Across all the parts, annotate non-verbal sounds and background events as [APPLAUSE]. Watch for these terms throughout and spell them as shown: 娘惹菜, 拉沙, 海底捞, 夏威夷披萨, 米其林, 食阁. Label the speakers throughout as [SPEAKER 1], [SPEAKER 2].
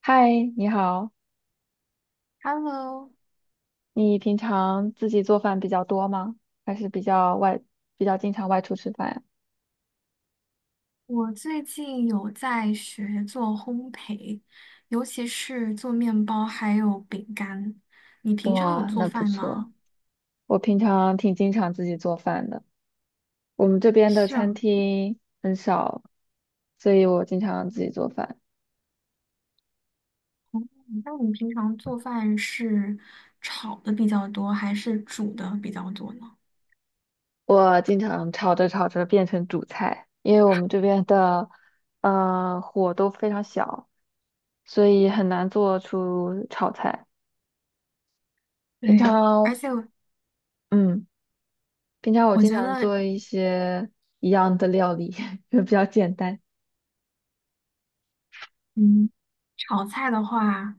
[SPEAKER 1] 嗨，你好，
[SPEAKER 2] Hello，
[SPEAKER 1] 你平常自己做饭比较多吗？还是比较经常外出吃饭呀？
[SPEAKER 2] 我最近有在学做烘焙，尤其是做面包还有饼干。你平常有
[SPEAKER 1] 哇，
[SPEAKER 2] 做
[SPEAKER 1] 那不
[SPEAKER 2] 饭
[SPEAKER 1] 错。
[SPEAKER 2] 吗？
[SPEAKER 1] 我平常挺经常自己做饭的，我们这边的
[SPEAKER 2] 是
[SPEAKER 1] 餐
[SPEAKER 2] 啊，
[SPEAKER 1] 厅很少，所以我经常自己做饭。
[SPEAKER 2] 那你平常做饭是炒的比较多，还是煮的比较多呢？
[SPEAKER 1] 我经常炒着炒着变成主菜，因为我们这边的火都非常小，所以很难做出炒菜。平
[SPEAKER 2] 对，而
[SPEAKER 1] 常。
[SPEAKER 2] 且
[SPEAKER 1] 嗯。平常我
[SPEAKER 2] 我
[SPEAKER 1] 经
[SPEAKER 2] 觉
[SPEAKER 1] 常
[SPEAKER 2] 得
[SPEAKER 1] 做一些一样的料理，[LAUGHS] 就比较简单。
[SPEAKER 2] 嗯，炒菜的话，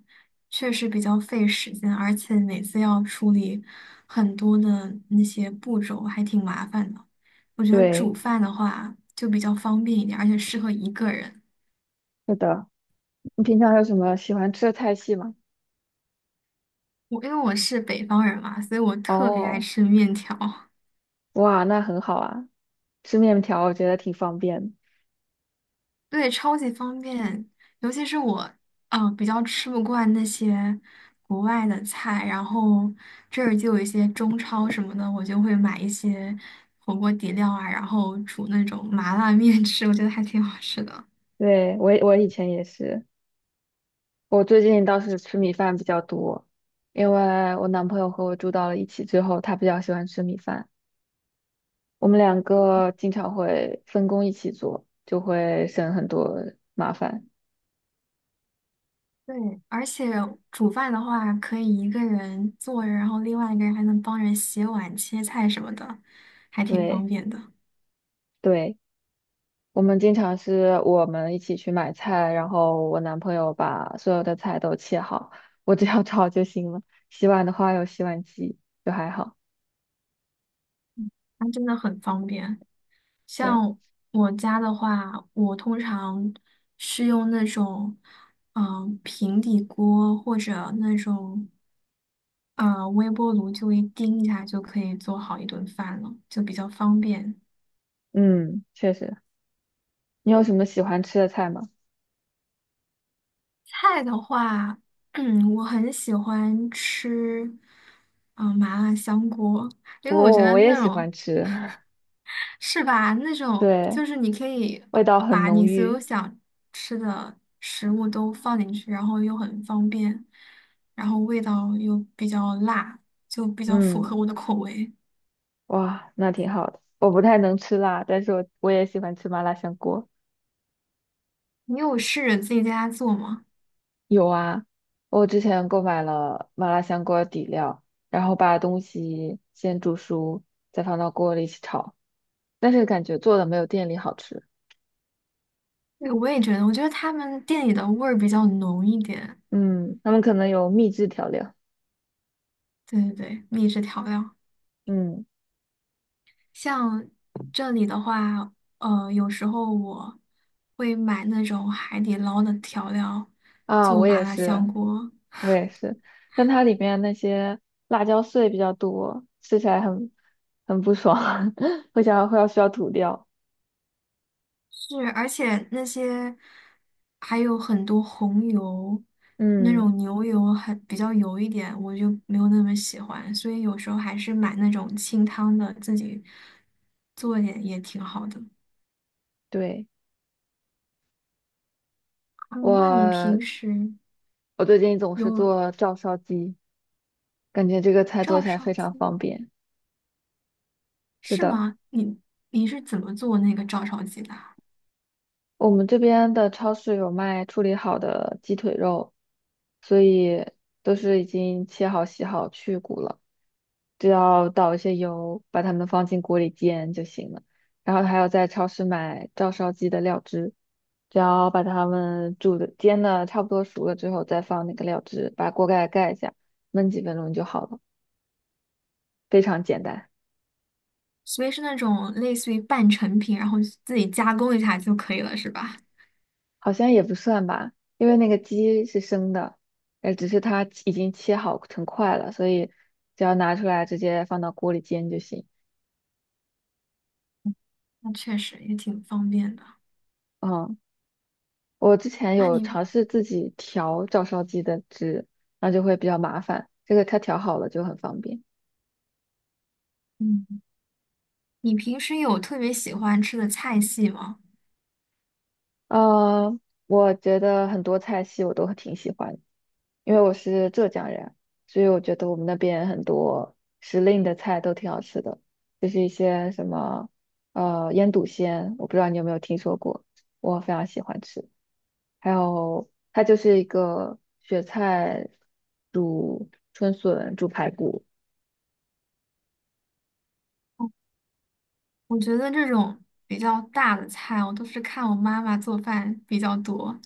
[SPEAKER 2] 确实比较费时间，而且每次要处理很多的那些步骤，还挺麻烦的。我觉得
[SPEAKER 1] 对，
[SPEAKER 2] 煮饭的话就比较方便一点，而且适合一个人。
[SPEAKER 1] 是的。你平常有什么喜欢吃的菜系吗？
[SPEAKER 2] 因为我是北方人嘛，所以我特别爱
[SPEAKER 1] 哦，
[SPEAKER 2] 吃面条。
[SPEAKER 1] 哇，那很好啊，吃面条我觉得挺方便的。
[SPEAKER 2] 对，超级方便，尤其是我，比较吃不惯那些国外的菜，然后这儿就有一些中超什么的，我就会买一些火锅底料啊，然后煮那种麻辣面吃，我觉得还挺好吃的。
[SPEAKER 1] 对，我以前也是，我最近倒是吃米饭比较多，因为我男朋友和我住到了一起之后，他比较喜欢吃米饭，我们两个经常会分工一起做，就会省很多麻烦。
[SPEAKER 2] 对，而且煮饭的话，可以一个人做着，然后另外一个人还能帮人洗碗、切菜什么的，还挺方
[SPEAKER 1] 对
[SPEAKER 2] 便的。
[SPEAKER 1] 对。我们经常是我们一起去买菜，然后我男朋友把所有的菜都切好，我只要炒就行了。洗碗的话有洗碗机，就还好。
[SPEAKER 2] 它真的很方便。
[SPEAKER 1] 对，
[SPEAKER 2] 像我家的话，我通常是用那种，平底锅或者那种，微波炉，就一叮一下就可以做好一顿饭了，就比较方便。
[SPEAKER 1] 嗯，确实。你有什么喜欢吃的菜吗？
[SPEAKER 2] 菜的话，[CLEARS THROAT] 嗯，我很喜欢吃，麻辣香锅，因为我觉
[SPEAKER 1] 我
[SPEAKER 2] 得
[SPEAKER 1] 我也
[SPEAKER 2] 那
[SPEAKER 1] 喜欢
[SPEAKER 2] 种
[SPEAKER 1] 吃，
[SPEAKER 2] 是吧？那
[SPEAKER 1] [LAUGHS]
[SPEAKER 2] 种
[SPEAKER 1] 对，
[SPEAKER 2] 就是你可以
[SPEAKER 1] 味道很
[SPEAKER 2] 把
[SPEAKER 1] 浓
[SPEAKER 2] 你所
[SPEAKER 1] 郁。
[SPEAKER 2] 有想吃的食物都放进去，然后又很方便，然后味道又比较辣，就比较符合
[SPEAKER 1] 嗯，
[SPEAKER 2] 我的口味。
[SPEAKER 1] 哇，那挺好的。我不太能吃辣，但是我也喜欢吃麻辣香锅。
[SPEAKER 2] 你有试着自己在家做吗？
[SPEAKER 1] 有啊，我之前购买了麻辣香锅底料，然后把东西先煮熟，再放到锅里一起炒，但是感觉做的没有店里好吃。
[SPEAKER 2] 对，我觉得他们店里的味儿比较浓一点。
[SPEAKER 1] 嗯，他们可能有秘制调料。
[SPEAKER 2] 对对对，秘制调料。
[SPEAKER 1] 嗯
[SPEAKER 2] 像这里的话，有时候我会买那种海底捞的调料
[SPEAKER 1] 啊，
[SPEAKER 2] 做
[SPEAKER 1] 我
[SPEAKER 2] 麻
[SPEAKER 1] 也
[SPEAKER 2] 辣香
[SPEAKER 1] 是，
[SPEAKER 2] 锅。
[SPEAKER 1] 我也是，但它里面那些辣椒碎比较多，吃起来很不爽，[LAUGHS] 会想要需要吐掉。
[SPEAKER 2] 是，而且那些还有很多红油，那
[SPEAKER 1] 嗯，
[SPEAKER 2] 种牛油比较油一点，我就没有那么喜欢，所以有时候还是买那种清汤的，自己做一点也挺好的。
[SPEAKER 1] 对，
[SPEAKER 2] 嗯，那你
[SPEAKER 1] 我，
[SPEAKER 2] 平时
[SPEAKER 1] 我最近总是
[SPEAKER 2] 有
[SPEAKER 1] 做照烧鸡，感觉这个菜做
[SPEAKER 2] 照
[SPEAKER 1] 起来
[SPEAKER 2] 烧
[SPEAKER 1] 非常
[SPEAKER 2] 鸡
[SPEAKER 1] 方便。是
[SPEAKER 2] 是
[SPEAKER 1] 的，
[SPEAKER 2] 吗？你是怎么做那个照烧鸡的啊？
[SPEAKER 1] 我们这边的超市有卖处理好的鸡腿肉，所以都是已经切好、洗好、去骨了，只要倒一些油，把它们放进锅里煎就行了。然后还要在超市买照烧鸡的料汁，只要把它们煮的、煎的差不多熟了之后，再放那个料汁，把锅盖盖一下，焖几分钟就好了，非常简单。
[SPEAKER 2] 所以是那种类似于半成品，然后自己加工一下就可以了，是吧？
[SPEAKER 1] 好像也不算吧，因为那个鸡是生的，只是它已经切好成块了，所以只要拿出来直接放到锅里煎就行。
[SPEAKER 2] 那确实也挺方便的。
[SPEAKER 1] 嗯，我之前
[SPEAKER 2] 那
[SPEAKER 1] 有
[SPEAKER 2] 你。
[SPEAKER 1] 尝试自己调照烧鸡的汁，那就会比较麻烦，这个它调好了就很方便。
[SPEAKER 2] 嗯。你平时有特别喜欢吃的菜系吗？
[SPEAKER 1] 呃，我觉得很多菜系我都挺喜欢的，因为我是浙江人，所以我觉得我们那边很多时令的菜都挺好吃的，就是一些什么腌笃鲜，我不知道你有没有听说过，我非常喜欢吃。还有它就是一个雪菜煮春笋、煮排骨。
[SPEAKER 2] 哦，我觉得这种比较大的菜，我都是看我妈妈做饭比较多，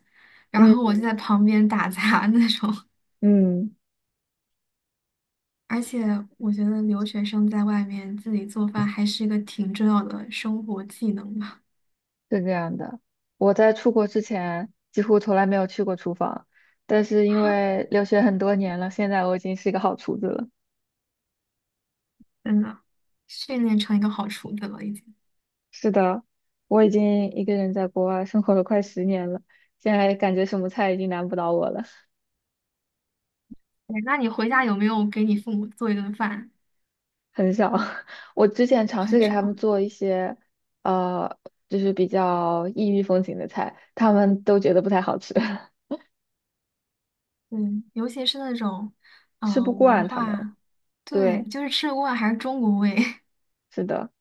[SPEAKER 2] 然
[SPEAKER 1] 嗯，
[SPEAKER 2] 后我就在旁边打杂 [LAUGHS] 那种。
[SPEAKER 1] 嗯，
[SPEAKER 2] 而且我觉得留学生在外面自己做饭还是一个挺重要的生活技能吧。
[SPEAKER 1] 是这样的。我在出国之前几乎从来没有去过厨房，但是因
[SPEAKER 2] [LAUGHS]
[SPEAKER 1] 为留学很多年了，现在我已经是一个好厨子了。
[SPEAKER 2] 真的，训练成一个好厨子了已经。
[SPEAKER 1] 是的，我已经一个人在国外生活了快10年了，现在感觉什么菜已经难不倒我了。
[SPEAKER 2] 对，那你回家有没有给你父母做一顿饭？
[SPEAKER 1] 很少。[LAUGHS] 我之前尝试
[SPEAKER 2] 很
[SPEAKER 1] 给
[SPEAKER 2] 少，
[SPEAKER 1] 他们做一些，呃，就是比较异域风情的菜，他们都觉得不太好吃，
[SPEAKER 2] 对，尤其是那种，
[SPEAKER 1] [LAUGHS] 吃不
[SPEAKER 2] 文
[SPEAKER 1] 惯他们。
[SPEAKER 2] 化，对，
[SPEAKER 1] 对，
[SPEAKER 2] 就是吃的锅碗还是中国味。[LAUGHS]
[SPEAKER 1] 是的，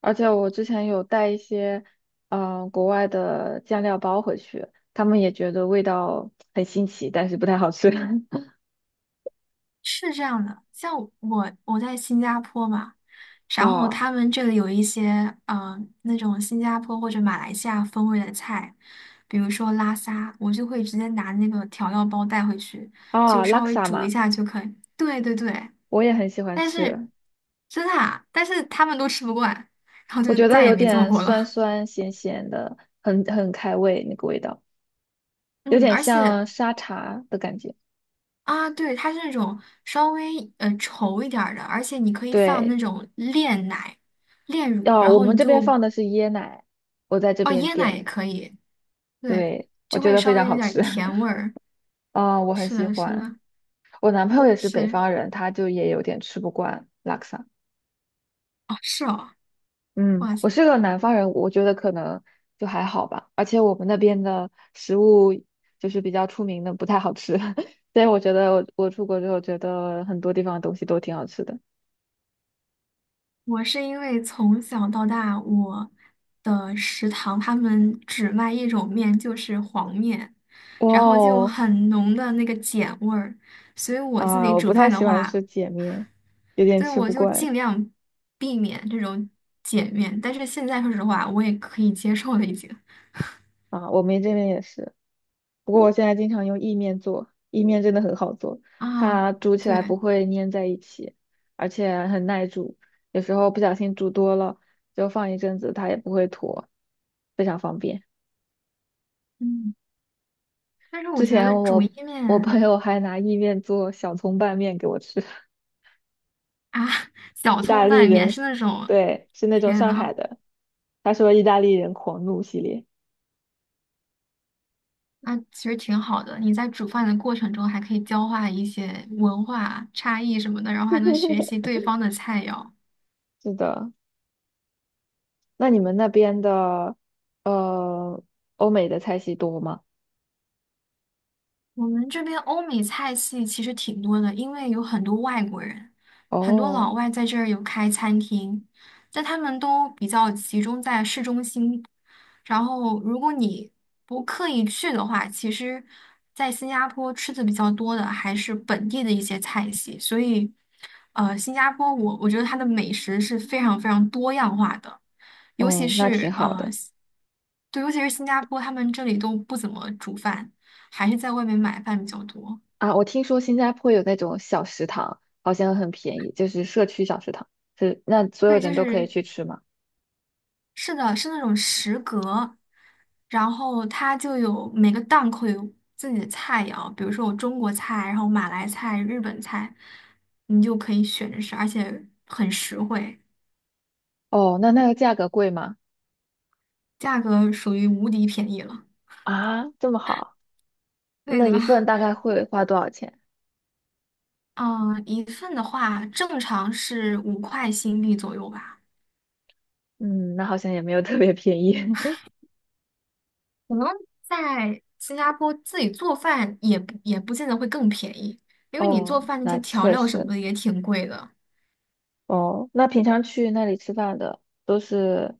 [SPEAKER 1] 而且我之前有带一些，国外的酱料包回去，他们也觉得味道很新奇，但是不太好吃。[LAUGHS]
[SPEAKER 2] 是这样的，像我在新加坡嘛，然后
[SPEAKER 1] 哦，
[SPEAKER 2] 他们这里有一些那种新加坡或者马来西亚风味的菜，比如说拉沙，我就会直接拿那个调料包带回去，就
[SPEAKER 1] 哦，拉
[SPEAKER 2] 稍
[SPEAKER 1] 克
[SPEAKER 2] 微
[SPEAKER 1] 萨
[SPEAKER 2] 煮一
[SPEAKER 1] 嘛，
[SPEAKER 2] 下就可以。对对对，
[SPEAKER 1] 我也很喜欢
[SPEAKER 2] 但是
[SPEAKER 1] 吃。
[SPEAKER 2] 真的啊，但是他们都吃不惯，然后
[SPEAKER 1] 我
[SPEAKER 2] 就
[SPEAKER 1] 觉得
[SPEAKER 2] 再也
[SPEAKER 1] 有
[SPEAKER 2] 没做
[SPEAKER 1] 点
[SPEAKER 2] 过
[SPEAKER 1] 酸
[SPEAKER 2] 了。
[SPEAKER 1] 酸咸咸的，很开胃那个味道，
[SPEAKER 2] [LAUGHS]
[SPEAKER 1] 有
[SPEAKER 2] 嗯，
[SPEAKER 1] 点
[SPEAKER 2] 而且
[SPEAKER 1] 像沙茶的感觉。
[SPEAKER 2] 啊，对，它是那种稍微稠一点儿的，而且你可以放
[SPEAKER 1] 对，
[SPEAKER 2] 那种炼奶、炼乳，
[SPEAKER 1] 要
[SPEAKER 2] 然
[SPEAKER 1] 我
[SPEAKER 2] 后
[SPEAKER 1] 们
[SPEAKER 2] 你
[SPEAKER 1] 这边
[SPEAKER 2] 就
[SPEAKER 1] 放的是椰奶，我在这
[SPEAKER 2] 哦，
[SPEAKER 1] 边
[SPEAKER 2] 椰奶
[SPEAKER 1] 点
[SPEAKER 2] 也
[SPEAKER 1] 的，
[SPEAKER 2] 可以，对，
[SPEAKER 1] 对，我
[SPEAKER 2] 就
[SPEAKER 1] 觉
[SPEAKER 2] 会
[SPEAKER 1] 得非
[SPEAKER 2] 稍
[SPEAKER 1] 常
[SPEAKER 2] 微有
[SPEAKER 1] 好
[SPEAKER 2] 点儿
[SPEAKER 1] 吃，
[SPEAKER 2] 甜味儿。
[SPEAKER 1] [LAUGHS] 啊、我很
[SPEAKER 2] 是
[SPEAKER 1] 喜
[SPEAKER 2] 的，是
[SPEAKER 1] 欢。
[SPEAKER 2] 的，
[SPEAKER 1] 我男朋友也是北
[SPEAKER 2] 是，
[SPEAKER 1] 方人，他就也有点吃不惯拉 a 萨。
[SPEAKER 2] 哦，是哦，
[SPEAKER 1] 嗯，
[SPEAKER 2] 哇
[SPEAKER 1] 我
[SPEAKER 2] 塞，
[SPEAKER 1] 是个南方人，我觉得可能就还好吧。而且我们那边的食物就是比较出名的，不太好吃。[LAUGHS] 所以我觉得我出国之后，觉得很多地方的东西都挺好吃的。
[SPEAKER 2] 我是因为从小到大，我的食堂他们只卖一种面，就是黄面，
[SPEAKER 1] 哇
[SPEAKER 2] 然后就
[SPEAKER 1] 哦，
[SPEAKER 2] 很浓的那个碱味儿，所以我自
[SPEAKER 1] 啊，
[SPEAKER 2] 己
[SPEAKER 1] 我不
[SPEAKER 2] 煮
[SPEAKER 1] 太
[SPEAKER 2] 饭的
[SPEAKER 1] 喜欢吃
[SPEAKER 2] 话，
[SPEAKER 1] 碱面，有点
[SPEAKER 2] 对，
[SPEAKER 1] 吃
[SPEAKER 2] 我
[SPEAKER 1] 不
[SPEAKER 2] 就
[SPEAKER 1] 惯
[SPEAKER 2] 尽量避免这种碱面。但是现在说实话，我也可以接受了，已经。
[SPEAKER 1] 啊。我们这边也是。不过我现在经常用意面做，意面真的很好做，
[SPEAKER 2] [LAUGHS] 啊，
[SPEAKER 1] 它煮起来
[SPEAKER 2] 对，
[SPEAKER 1] 不会粘在一起，而且很耐煮，有时候不小心煮多了，就放一阵子它也不会坨，非常方便。
[SPEAKER 2] 嗯，但是我
[SPEAKER 1] 之
[SPEAKER 2] 觉
[SPEAKER 1] 前
[SPEAKER 2] 得煮
[SPEAKER 1] 我
[SPEAKER 2] 意
[SPEAKER 1] 我朋
[SPEAKER 2] 面。
[SPEAKER 1] 友还拿意面做小葱拌面给我吃，
[SPEAKER 2] 啊，
[SPEAKER 1] [LAUGHS]
[SPEAKER 2] 小
[SPEAKER 1] 意大
[SPEAKER 2] 葱
[SPEAKER 1] 利
[SPEAKER 2] 拌面
[SPEAKER 1] 人，
[SPEAKER 2] 是那种，
[SPEAKER 1] 对，是那种
[SPEAKER 2] 天
[SPEAKER 1] 上
[SPEAKER 2] 呐，
[SPEAKER 1] 海的，他说意大利人狂怒系列。
[SPEAKER 2] 那其实挺好的。你在煮饭的过程中还可以交换一些文化差异什么的，然后还能学习对方的菜肴。
[SPEAKER 1] 是的。那你们那边的呃欧美的菜系多吗？
[SPEAKER 2] 我们这边欧美菜系其实挺多的，因为有很多外国人，很多老
[SPEAKER 1] 哦，
[SPEAKER 2] 外在这儿有开餐厅，但他们都比较集中在市中心。然后，如果你不刻意去的话，其实，在新加坡吃的比较多的还是本地的一些菜系。所以，呃，新加坡我觉得它的美食是非常非常多样化的，尤其
[SPEAKER 1] 哦，那挺
[SPEAKER 2] 是
[SPEAKER 1] 好的。
[SPEAKER 2] 对，尤其是新加坡，他们这里都不怎么煮饭。还是在外面买饭比较多。
[SPEAKER 1] 啊，我听说新加坡有那种小食堂，好像很便宜，就是社区小食堂，是那所有
[SPEAKER 2] 对，
[SPEAKER 1] 人
[SPEAKER 2] 就
[SPEAKER 1] 都可以
[SPEAKER 2] 是
[SPEAKER 1] 去吃吗？
[SPEAKER 2] 是的，是那种食阁，然后它就有每个档口有自己的菜肴，比如说有中国菜，然后马来菜、日本菜，你就可以选着吃，而且很实惠，
[SPEAKER 1] 哦，那那个价格贵吗？
[SPEAKER 2] 价格属于无敌便宜了。
[SPEAKER 1] 啊，这么好，
[SPEAKER 2] 对
[SPEAKER 1] 那一
[SPEAKER 2] 的。
[SPEAKER 1] 份大概会花多少钱？
[SPEAKER 2] [LAUGHS] 嗯，一份的话正常是5块新币左右吧。
[SPEAKER 1] 嗯，那好像也没有特别便宜。[LAUGHS]
[SPEAKER 2] 可能在新加坡自己做饭也不见得会更便宜，因为你做
[SPEAKER 1] 哦，
[SPEAKER 2] 饭那些
[SPEAKER 1] 那
[SPEAKER 2] 调
[SPEAKER 1] 确
[SPEAKER 2] 料什么
[SPEAKER 1] 实。
[SPEAKER 2] 的也挺贵的。
[SPEAKER 1] 哦，那平常去那里吃饭的都是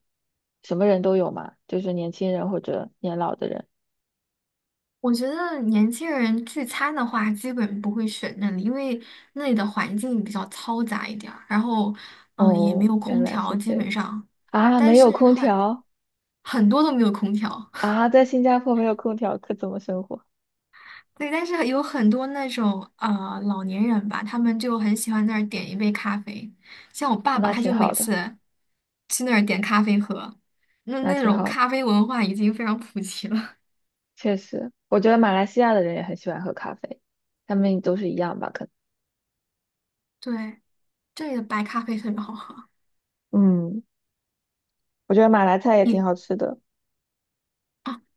[SPEAKER 1] 什么人都有嘛？就是年轻人或者年老的人。
[SPEAKER 2] 我觉得年轻人聚餐的话，基本不会选那里，因为那里的环境比较嘈杂一点儿，然后也没
[SPEAKER 1] 哦，
[SPEAKER 2] 有
[SPEAKER 1] 原
[SPEAKER 2] 空
[SPEAKER 1] 来是
[SPEAKER 2] 调，基
[SPEAKER 1] 这
[SPEAKER 2] 本
[SPEAKER 1] 样
[SPEAKER 2] 上，
[SPEAKER 1] 啊，
[SPEAKER 2] 但
[SPEAKER 1] 没有
[SPEAKER 2] 是
[SPEAKER 1] 空
[SPEAKER 2] 很
[SPEAKER 1] 调
[SPEAKER 2] 多都没有空调。
[SPEAKER 1] 啊，在新加坡没有空调，可怎么生活？
[SPEAKER 2] 对，但是有很多那种老年人吧，他们就很喜欢那儿点一杯咖啡。像我爸爸，
[SPEAKER 1] 那
[SPEAKER 2] 他
[SPEAKER 1] 挺
[SPEAKER 2] 就每
[SPEAKER 1] 好的，
[SPEAKER 2] 次去那儿点咖啡喝，
[SPEAKER 1] 那
[SPEAKER 2] 那
[SPEAKER 1] 挺
[SPEAKER 2] 种
[SPEAKER 1] 好的，
[SPEAKER 2] 咖啡文化已经非常普及了。
[SPEAKER 1] 确实，我觉得马来西亚的人也很喜欢喝咖啡，他们都是一样吧？可
[SPEAKER 2] [LAUGHS] 对，这里的白咖啡特别好喝。
[SPEAKER 1] 能。嗯，我觉得马来菜也挺
[SPEAKER 2] 你
[SPEAKER 1] 好吃的。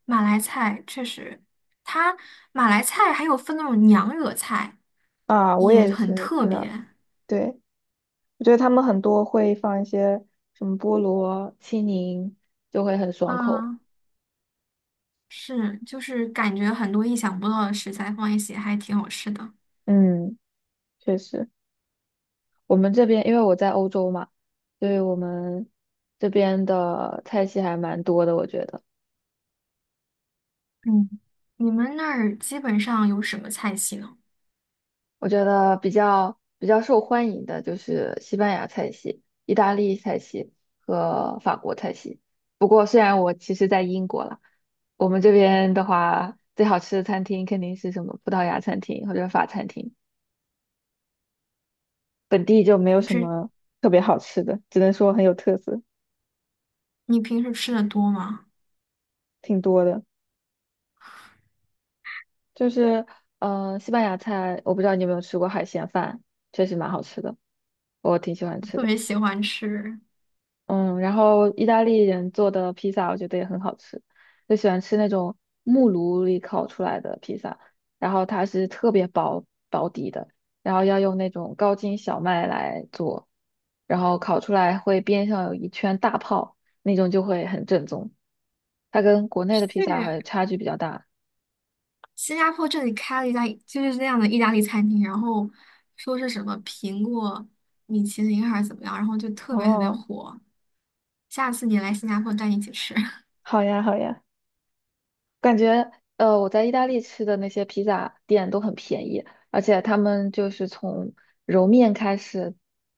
[SPEAKER 2] 马来菜确实，它马来菜还有分那种娘惹菜，
[SPEAKER 1] 啊，我
[SPEAKER 2] 也
[SPEAKER 1] 也
[SPEAKER 2] 很
[SPEAKER 1] 是
[SPEAKER 2] 特
[SPEAKER 1] 知道。
[SPEAKER 2] 别
[SPEAKER 1] 对，我觉得他们很多会放一些什么菠萝，青柠就会很爽口。
[SPEAKER 2] 啊。是，就是感觉很多意想不到的食材放一起，还挺好吃的。
[SPEAKER 1] 嗯，确实，我们这边因为我在欧洲嘛，所以我们这边的菜系还蛮多的，我觉得。
[SPEAKER 2] 嗯，你们那儿基本上有什么菜系呢？
[SPEAKER 1] 我觉得比较受欢迎的就是西班牙菜系、意大利菜系和法国菜系。不过，虽然我其实在英国了，我们这边的话，最好吃的餐厅肯定是什么葡萄牙餐厅或者法餐厅，本地就没有
[SPEAKER 2] 就
[SPEAKER 1] 什
[SPEAKER 2] 是
[SPEAKER 1] 么特别好吃的，只能说很有特色，
[SPEAKER 2] 你平时吃的多吗？
[SPEAKER 1] 挺多的。就是，西班牙菜，我不知道你有没有吃过海鲜饭，确实蛮好吃的，我挺喜欢
[SPEAKER 2] [LAUGHS]
[SPEAKER 1] 吃
[SPEAKER 2] 特
[SPEAKER 1] 的。
[SPEAKER 2] 别喜欢吃。
[SPEAKER 1] 嗯，然后意大利人做的披萨我觉得也很好吃，就喜欢吃那种木炉里烤出来的披萨，然后它是特别薄薄底的，然后要用那种高筋小麦来做，然后烤出来会边上有一圈大泡，那种就会很正宗。它跟国内的披萨
[SPEAKER 2] 去
[SPEAKER 1] 还差距比较大。
[SPEAKER 2] 新加坡这里开了一家就是那样的意大利餐厅，然后说是什么苹果米其林还是怎么样，然后就特别特别
[SPEAKER 1] 哦，
[SPEAKER 2] 火。下次你来新加坡，带你一起吃。[LAUGHS]
[SPEAKER 1] 好呀，好呀。感觉我在意大利吃的那些披萨店都很便宜，而且他们就是从揉面开始，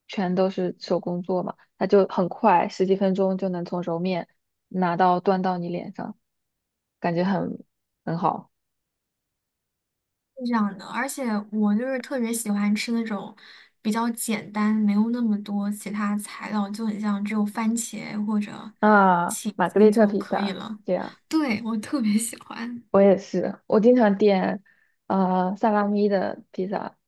[SPEAKER 1] 全都是手工做嘛，它就很快，十几分钟就能从揉面拿到端到你脸上，感觉很好
[SPEAKER 2] 是这样的，而且我就是特别喜欢吃那种比较简单，没有那么多其他材料，就很像只有番茄或者
[SPEAKER 1] 啊。
[SPEAKER 2] 起
[SPEAKER 1] 玛格
[SPEAKER 2] 司
[SPEAKER 1] 丽特
[SPEAKER 2] 就
[SPEAKER 1] 披
[SPEAKER 2] 可以
[SPEAKER 1] 萨，
[SPEAKER 2] 了。
[SPEAKER 1] 这样
[SPEAKER 2] 对，我特别喜欢
[SPEAKER 1] 我也是，我经常点萨拉米的披萨，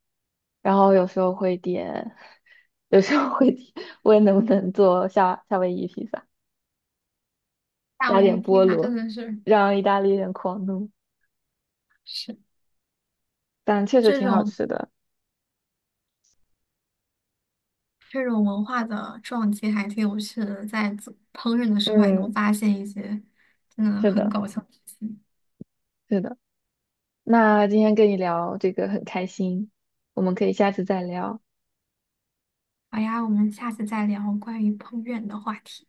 [SPEAKER 1] 然后有时候会点，[LAUGHS] 有时候会点，[LAUGHS] 问能不能做夏威夷披萨。
[SPEAKER 2] 夏
[SPEAKER 1] 加
[SPEAKER 2] 威夷
[SPEAKER 1] 点
[SPEAKER 2] 披
[SPEAKER 1] 菠
[SPEAKER 2] 萨，真
[SPEAKER 1] 萝，
[SPEAKER 2] 的是
[SPEAKER 1] 让意大利人狂怒。
[SPEAKER 2] 是
[SPEAKER 1] 但确实
[SPEAKER 2] 这
[SPEAKER 1] 挺好
[SPEAKER 2] 种
[SPEAKER 1] 吃的。
[SPEAKER 2] 这种文化的撞击还挺有趣的，在做烹饪的时候也能
[SPEAKER 1] 嗯，
[SPEAKER 2] 发现一些真的
[SPEAKER 1] 是
[SPEAKER 2] 很
[SPEAKER 1] 的，
[SPEAKER 2] 搞笑的事情。
[SPEAKER 1] 是的。那今天跟你聊这个很开心，我们可以下次再聊。
[SPEAKER 2] 好呀，我们下次再聊关于烹饪的话题。